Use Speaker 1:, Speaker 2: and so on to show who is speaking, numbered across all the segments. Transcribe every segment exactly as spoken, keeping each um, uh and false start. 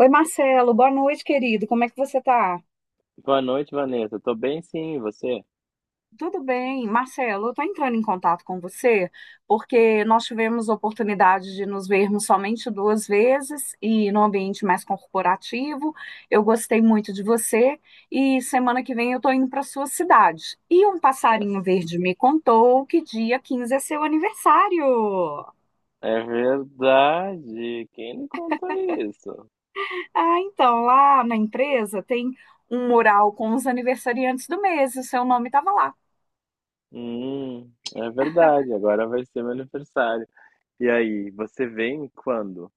Speaker 1: Oi, Marcelo, boa noite, querido. Como é que você tá?
Speaker 2: Boa noite, Vanessa. Tô bem, sim, e você?
Speaker 1: Tudo bem, Marcelo, eu tô entrando em contato com você porque nós tivemos a oportunidade de nos vermos somente duas vezes e no ambiente mais corporativo. Eu gostei muito de você e semana que vem eu estou indo para sua cidade. E um
Speaker 2: É,
Speaker 1: passarinho verde me contou que dia quinze é seu aniversário.
Speaker 2: é verdade. Quem me contou isso?
Speaker 1: Ah, então, lá na empresa tem um mural com os aniversariantes do mês, e o seu nome estava lá.
Speaker 2: Hum, é verdade. Agora vai ser meu aniversário. E aí, você vem quando?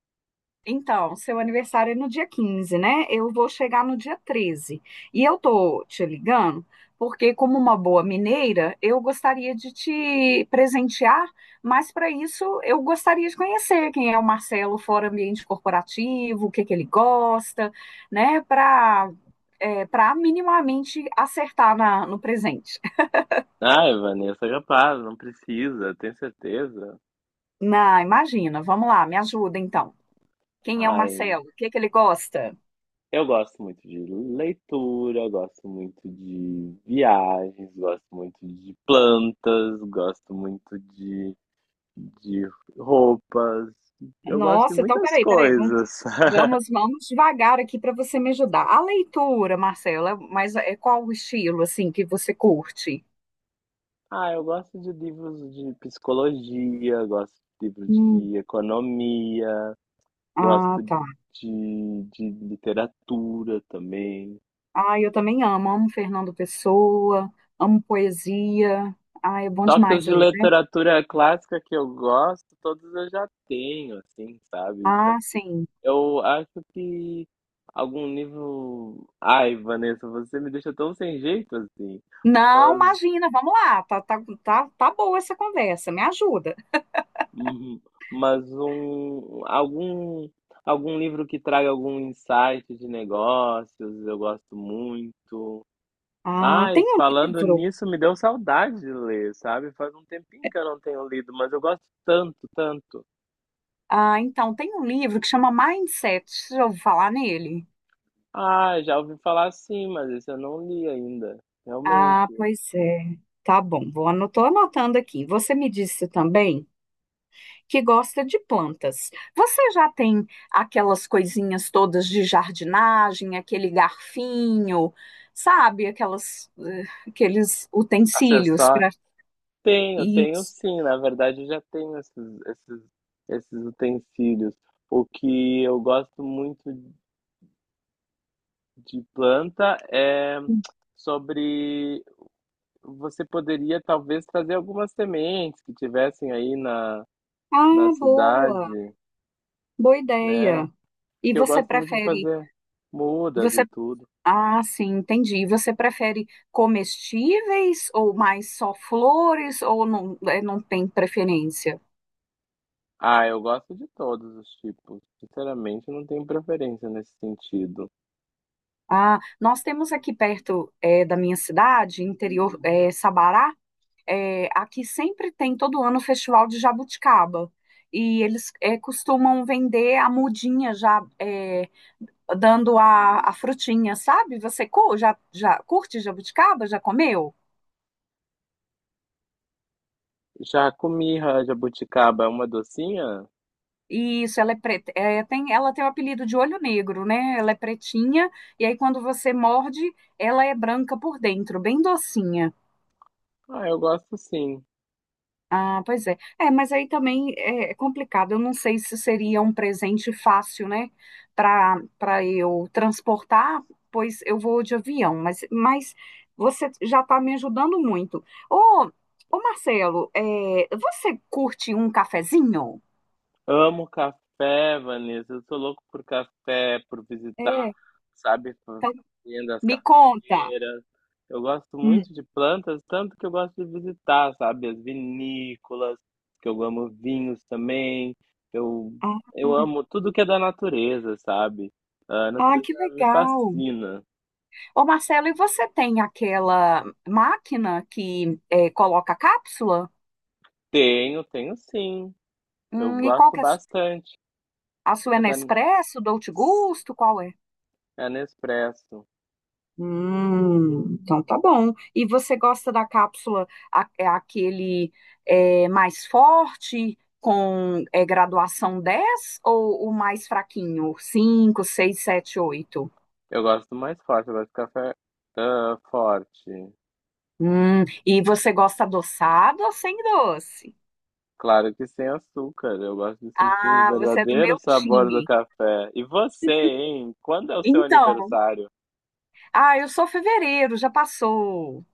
Speaker 1: Então, seu aniversário é no dia quinze, né? Eu vou chegar no dia treze. E eu tô te ligando porque, como uma boa mineira, eu gostaria de te presentear, mas para isso eu gostaria de conhecer quem é o Marcelo fora ambiente corporativo, o que que ele gosta, né? Para para minimamente acertar na, no presente.
Speaker 2: Ai, Vanessa, capaz, não precisa, tem certeza?
Speaker 1: Na, imagina, vamos lá, me ajuda então. Quem é o
Speaker 2: Ai,
Speaker 1: Marcelo? O que que ele gosta?
Speaker 2: eu gosto muito de leitura, gosto muito de viagens, gosto muito de plantas, gosto muito de de roupas. Eu gosto de
Speaker 1: Nossa, então
Speaker 2: muitas
Speaker 1: peraí, peraí,
Speaker 2: coisas.
Speaker 1: vamos, vamos devagar aqui para você me ajudar. A leitura, Marcela, mas é qual o estilo assim que você curte?
Speaker 2: Ah, eu gosto de livros de psicologia, gosto de livros
Speaker 1: Hum,
Speaker 2: de economia,
Speaker 1: ah,
Speaker 2: gosto
Speaker 1: tá.
Speaker 2: de, de literatura também.
Speaker 1: Ah, eu também amo, amo Fernando Pessoa, amo poesia. Ah, é bom
Speaker 2: Só que os
Speaker 1: demais
Speaker 2: de
Speaker 1: ler, né?
Speaker 2: literatura clássica que eu gosto, todos eu já tenho, assim, sabe? Então,
Speaker 1: Ah, sim.
Speaker 2: eu acho que algum livro. Ai, Vanessa, você me deixa tão sem jeito assim.
Speaker 1: Não,
Speaker 2: Mas.
Speaker 1: imagina, vamos lá, tá, tá, tá, tá boa essa conversa, me ajuda.
Speaker 2: Uhum. Mas um algum algum livro que traga algum insight de negócios, eu gosto muito.
Speaker 1: Ah,
Speaker 2: Ai,
Speaker 1: tem um
Speaker 2: falando
Speaker 1: livro.
Speaker 2: nisso, me deu saudade de ler, sabe? Faz um tempinho que eu não tenho lido, mas eu gosto tanto, tanto.
Speaker 1: Ah, então, tem um livro que chama Mindset, já ouviu falar nele?
Speaker 2: Ah, já ouvi falar sim, mas esse eu não li ainda. Realmente.
Speaker 1: Ah, pois é. Tá bom, vou anotar, anotando aqui. Você me disse também que gosta de plantas. Você já tem aquelas coisinhas todas de jardinagem, aquele garfinho, sabe? Aquelas, eh, aqueles utensílios
Speaker 2: Acessar?
Speaker 1: para
Speaker 2: Tenho, tenho
Speaker 1: isso.
Speaker 2: sim. Na verdade, eu já tenho esses, esses, esses utensílios. O que eu gosto muito de planta é sobre você poderia talvez trazer algumas sementes que tivessem aí na, na
Speaker 1: Ah,
Speaker 2: cidade,
Speaker 1: boa, boa
Speaker 2: né?
Speaker 1: ideia. E
Speaker 2: Porque eu
Speaker 1: você
Speaker 2: gosto muito de
Speaker 1: prefere,
Speaker 2: fazer mudas e
Speaker 1: você,
Speaker 2: tudo.
Speaker 1: ah, sim, entendi. E você prefere comestíveis ou mais só flores ou não, eh, não tem preferência?
Speaker 2: Ah, eu gosto de todos os tipos. Sinceramente, não tenho preferência nesse sentido.
Speaker 1: Ah, nós temos aqui perto eh, da minha cidade, interior eh, Sabará, eh, aqui sempre tem todo ano o Festival de Jabuticaba. E eles eh, costumam vender a mudinha já eh, dando a, a frutinha, sabe? Você cu- já, já curte jabuticaba? Já comeu?
Speaker 2: Já comi ra- jabuticaba, é uma docinha?
Speaker 1: Isso, ela é preta, eh, tem, ela tem o apelido de olho negro, né? Ela é pretinha, e aí quando você morde, ela é branca por dentro, bem docinha.
Speaker 2: Ah, eu gosto sim.
Speaker 1: Ah, pois é. É, mas aí também é é complicado. Eu não sei se seria um presente fácil, né, para para eu transportar, pois eu vou de avião. Mas, mas você já está me ajudando muito. Ô, ô Marcelo, é, você curte um cafezinho?
Speaker 2: Amo café, Vanessa. Eu sou louco por café, por visitar,
Speaker 1: É,
Speaker 2: sabe,
Speaker 1: então
Speaker 2: fazendas,
Speaker 1: me conta.
Speaker 2: cafeeiras. Eu gosto
Speaker 1: Hum.
Speaker 2: muito de plantas, tanto que eu gosto de visitar, sabe, as vinícolas, que eu amo vinhos também. Eu,
Speaker 1: Ah,
Speaker 2: eu amo tudo que é da natureza, sabe? A
Speaker 1: ah,
Speaker 2: natureza
Speaker 1: que
Speaker 2: me
Speaker 1: legal.
Speaker 2: fascina.
Speaker 1: Ô Marcelo, e você tem aquela máquina que é, coloca cápsula?
Speaker 2: Tenho, tenho sim. Eu
Speaker 1: Hum, e qual
Speaker 2: gosto
Speaker 1: que é
Speaker 2: bastante.
Speaker 1: A sua é
Speaker 2: É da,
Speaker 1: Nespresso, Dolce Gusto, qual é?
Speaker 2: é Nespresso.
Speaker 1: Hum, então tá bom. E você gosta da cápsula, a- é aquele é, mais forte, com é, graduação dez ou o mais fraquinho? Cinco, seis, sete, oito?
Speaker 2: Eu gosto mais forte, eu gosto de café ah, forte.
Speaker 1: Hum, e você gosta adoçado ou sem doce?
Speaker 2: Claro que sem açúcar. Eu gosto de sentir o
Speaker 1: Ah, você é do
Speaker 2: verdadeiro
Speaker 1: meu
Speaker 2: sabor do
Speaker 1: time.
Speaker 2: café. E você, hein? Quando é o seu
Speaker 1: Então,
Speaker 2: aniversário?
Speaker 1: ah, eu sou fevereiro, já passou.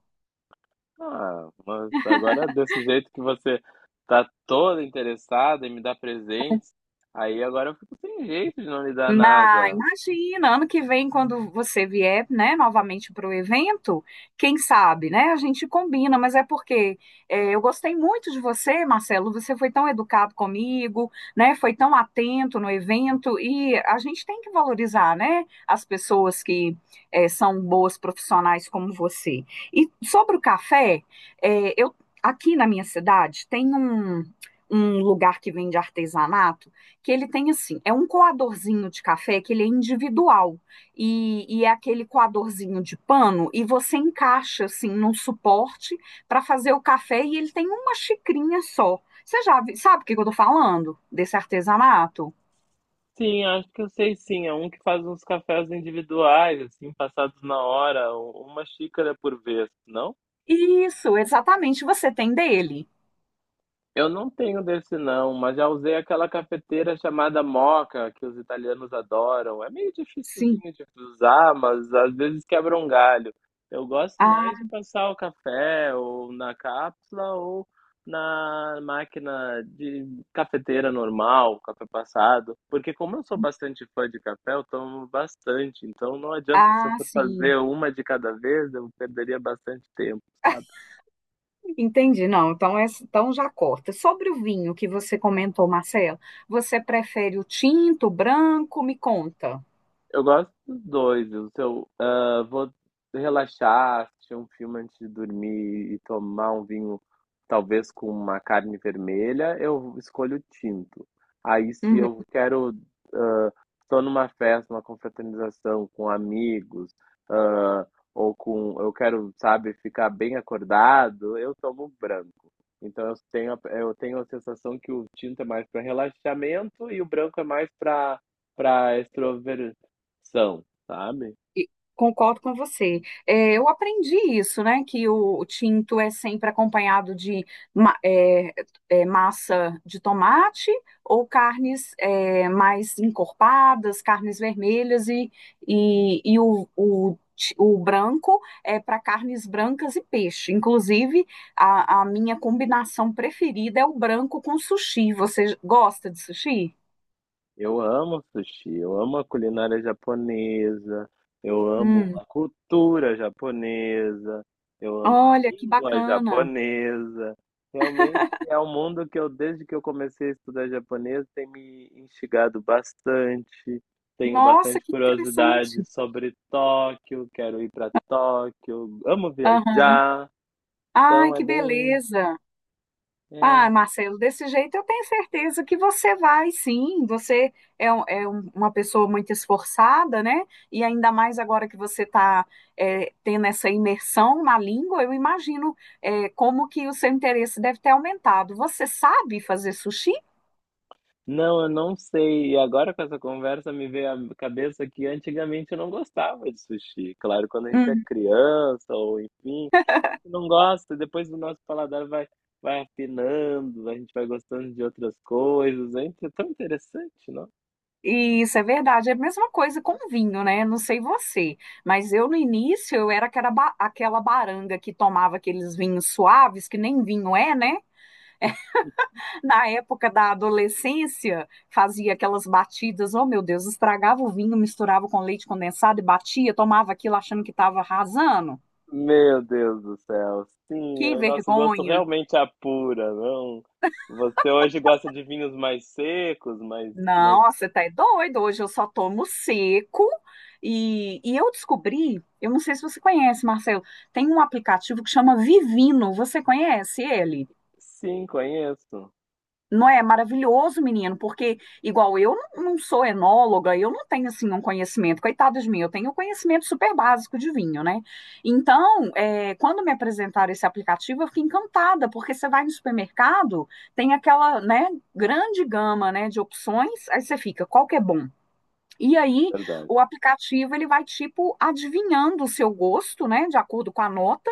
Speaker 2: Ah, mas agora desse jeito que você tá toda interessada em me dar presentes, aí agora eu fico sem jeito de não lhe dar
Speaker 1: Na,
Speaker 2: nada.
Speaker 1: imagina, ano que vem, quando você vier, né, novamente para o evento, quem sabe, né? A gente combina, mas é porque é, eu gostei muito de você, Marcelo. Você foi tão educado comigo, né? Foi tão atento no evento e a gente tem que valorizar, né? As pessoas que é, são boas profissionais como você. E sobre o café, é, eu aqui na minha cidade tem um um lugar que vende artesanato que ele tem assim, é um coadorzinho de café que ele é individual e, e é aquele coadorzinho de pano e você encaixa assim num suporte para fazer o café e ele tem uma xicrinha só. Você já vi- sabe o que que eu tô falando desse artesanato?
Speaker 2: Sim, acho que eu sei sim. É um que faz uns cafés individuais, assim, passados na hora, um, uma xícara por vez, não?
Speaker 1: Isso, exatamente, você tem dele.
Speaker 2: Eu não tenho desse não, mas já usei aquela cafeteira chamada Moca, que os italianos adoram. É meio
Speaker 1: Sim.
Speaker 2: dificilzinho de usar, mas às vezes quebra um galho. Eu gosto mais de
Speaker 1: Ah,
Speaker 2: passar o café ou na cápsula ou na máquina de cafeteira normal, café passado, porque como eu sou bastante fã de café, eu tomo bastante, então não adianta se eu
Speaker 1: ah,
Speaker 2: for
Speaker 1: sim.
Speaker 2: fazer uma de cada vez, eu perderia bastante tempo, sabe?
Speaker 1: Entendi. Não, então, é, então já corta. Sobre o vinho que você comentou, Marcelo, você prefere o tinto, o branco? Me conta.
Speaker 2: Eu gosto dos dois. O seu, ah, vou relaxar, assistir um filme antes de dormir e tomar um vinho, talvez com uma carne vermelha, eu escolho tinto. Aí, se
Speaker 1: Uhum.
Speaker 2: eu quero, ah, estou numa festa, uma confraternização com amigos, ah, ou com, eu quero, sabe, ficar bem acordado, eu tomo um branco. Então, eu tenho, a- eu tenho a sensação que o tinto é mais para relaxamento e o branco é mais para para são, sabe?
Speaker 1: E Concordo com você. É, eu aprendi isso, né? Que o tinto é sempre acompanhado de ma- é, é, massa de tomate ou carnes é, mais encorpadas, carnes vermelhas e, e, e o, o, ti- o branco é para carnes brancas e peixe. Inclusive, a, a minha combinação preferida é o branco com sushi. Você gosta de sushi?
Speaker 2: Eu amo sushi, eu amo a culinária japonesa, eu amo
Speaker 1: Hum,
Speaker 2: a cultura japonesa, eu amo a
Speaker 1: olha que
Speaker 2: língua
Speaker 1: bacana!
Speaker 2: japonesa. Realmente é um mundo que eu, desde que eu comecei a estudar japonês, tem me instigado bastante. Tenho
Speaker 1: Nossa,
Speaker 2: bastante
Speaker 1: que
Speaker 2: curiosidade
Speaker 1: interessante!
Speaker 2: sobre Tóquio, quero ir para Tóquio, amo
Speaker 1: Aham.
Speaker 2: viajar.
Speaker 1: Ai,
Speaker 2: Então é
Speaker 1: que
Speaker 2: bem,
Speaker 1: beleza!
Speaker 2: é
Speaker 1: Ah, Marcelo, desse jeito eu tenho certeza que você vai, sim. Você é, um- é um- uma pessoa muito esforçada, né? E ainda mais agora que você está tendo essa imersão na língua, eu imagino é, como que o seu interesse deve ter aumentado. Você sabe fazer sushi?
Speaker 2: Não, eu não sei. E agora com essa conversa me veio à cabeça que antigamente eu não gostava de sushi. Claro, quando a gente é
Speaker 1: Uhum.
Speaker 2: criança ou enfim, a gente não gosta, e depois o nosso paladar vai vai afinando, a gente vai gostando de outras coisas. É inte- tão interessante, não?
Speaker 1: Isso é verdade, é a mesma coisa com vinho, né? Não sei você, mas eu no início eu era aquela, ba- aquela baranga que tomava aqueles vinhos suaves, que nem vinho é, né? Na época da adolescência, fazia aquelas batidas, oh meu Deus, estragava o vinho, misturava com leite condensado e batia, tomava aquilo achando que estava arrasando.
Speaker 2: Meu Deus do céu. Sim, é
Speaker 1: Que
Speaker 2: o nosso gosto
Speaker 1: vergonha.
Speaker 2: realmente apura, não? Você hoje gosta de vinhos mais secos, mais mais
Speaker 1: Não, você tá é doido. Hoje eu só tomo seco. E, e eu descobri, eu não sei se você conhece, Marcelo, tem um aplicativo que chama Vivino. Você conhece ele?
Speaker 2: sim, conheço.
Speaker 1: Não é maravilhoso, menino, porque igual eu não, não sou enóloga, eu não tenho assim um conhecimento, coitado de mim, eu tenho um conhecimento super básico de vinho, né? Então, é, quando me apresentaram esse aplicativo, eu fiquei encantada, porque você vai no supermercado, tem aquela, né, grande gama, né, de opções, aí você fica, qual que é bom? E aí,
Speaker 2: Verdade.
Speaker 1: o aplicativo ele vai tipo adivinhando o seu gosto, né, de acordo com a nota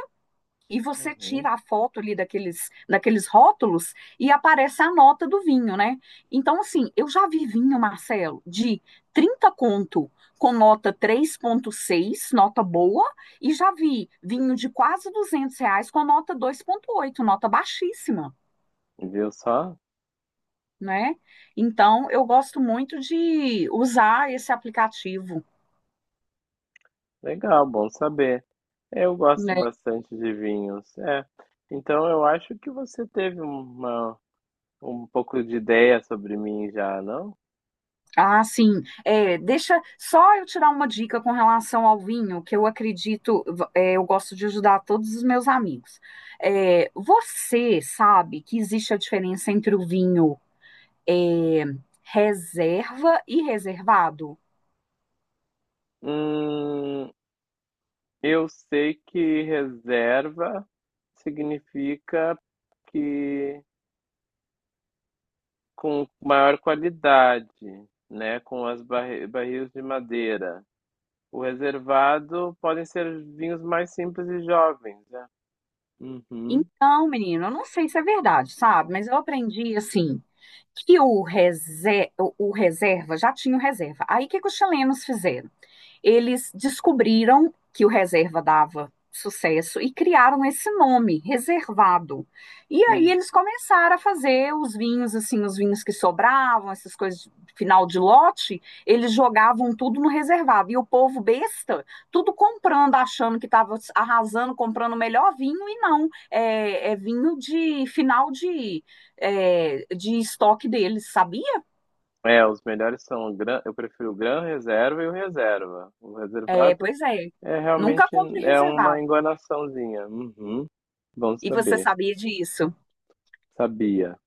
Speaker 1: e você
Speaker 2: Uhum.
Speaker 1: tira a foto ali daqueles, daqueles rótulos e aparece a nota do vinho, né? Então, assim, eu já vi vinho, Marcelo, de trinta conto com nota três vírgula seis, nota boa, e já vi vinho de quase duzentos reais com nota dois vírgula oito, nota baixíssima,
Speaker 2: Viu só?
Speaker 1: né? Então, eu gosto muito de usar esse aplicativo,
Speaker 2: Legal, bom saber. Eu gosto
Speaker 1: né?
Speaker 2: bastante de vinhos. É, então eu acho que você teve uma, um pouco de ideia sobre mim já, não?
Speaker 1: Ah, sim. É, deixa só eu tirar uma dica com relação ao vinho, que eu acredito, v- é, eu gosto de ajudar todos os meus amigos. É, você sabe que existe a diferença entre o vinho é, reserva e reservado?
Speaker 2: Hum, eu sei que reserva significa que com maior qualidade, né? Com as barri barris de madeira. O reservado podem ser vinhos mais simples e jovens, né? Uhum.
Speaker 1: Então, menino, eu não sei se é verdade, sabe? Mas eu aprendi assim que o, rese- o o reserva já tinha o reserva. Aí o que que os chilenos fizeram? Eles descobriram que o reserva dava sucesso e criaram esse nome, reservado. E aí eles começaram a fazer os vinhos, assim, os vinhos que sobravam, essas coisas de final de lote, eles jogavam tudo no reservado. E o povo besta, tudo comprando, achando que estava arrasando, comprando o melhor vinho, e não. É, é vinho de final de, é, de estoque deles, sabia?
Speaker 2: É, os melhores são o gran eu prefiro o Gran Reserva e o Reserva. O
Speaker 1: É,
Speaker 2: reservado
Speaker 1: pois é.
Speaker 2: é
Speaker 1: Nunca
Speaker 2: realmente
Speaker 1: compre
Speaker 2: é uma
Speaker 1: reservado.
Speaker 2: enganaçãozinha. Uhum. Bom
Speaker 1: E você
Speaker 2: saber.
Speaker 1: sabia disso?
Speaker 2: Sabia.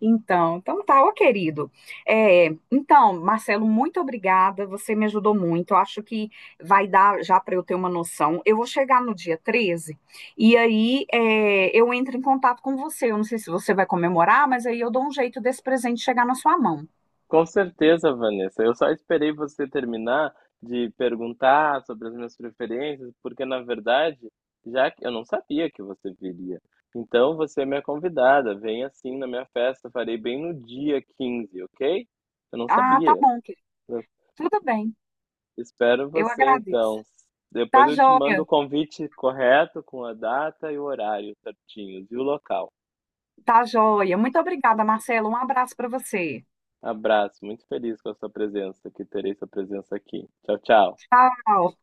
Speaker 1: Então, então tá, ó, querido. É, então, Marcelo, muito obrigada. Você me ajudou muito. Eu acho que vai dar já para eu ter uma noção. Eu vou chegar no dia treze e aí é, eu entro em contato com você. Eu não sei se você vai comemorar, mas aí eu dou um jeito desse presente chegar na sua mão.
Speaker 2: Com certeza, Vanessa. Eu só esperei você terminar de perguntar sobre as minhas preferências, porque na verdade, já que eu não sabia que você viria. Então você é minha convidada. Vem assim na minha festa. Farei bem no dia quinze, ok? Eu não
Speaker 1: Ah, tá
Speaker 2: sabia.
Speaker 1: bom, querido. Tudo bem.
Speaker 2: Espero
Speaker 1: Eu
Speaker 2: você
Speaker 1: agradeço.
Speaker 2: então. Depois
Speaker 1: Tá
Speaker 2: eu te mando o
Speaker 1: joia,
Speaker 2: convite correto, com a data e o horário certinhos e o local.
Speaker 1: tá joia. Muito obrigada, Marcelo. Um abraço para você.
Speaker 2: Abraço, muito feliz com a sua presença, que terei sua presença aqui. Tchau, tchau.
Speaker 1: Tchau.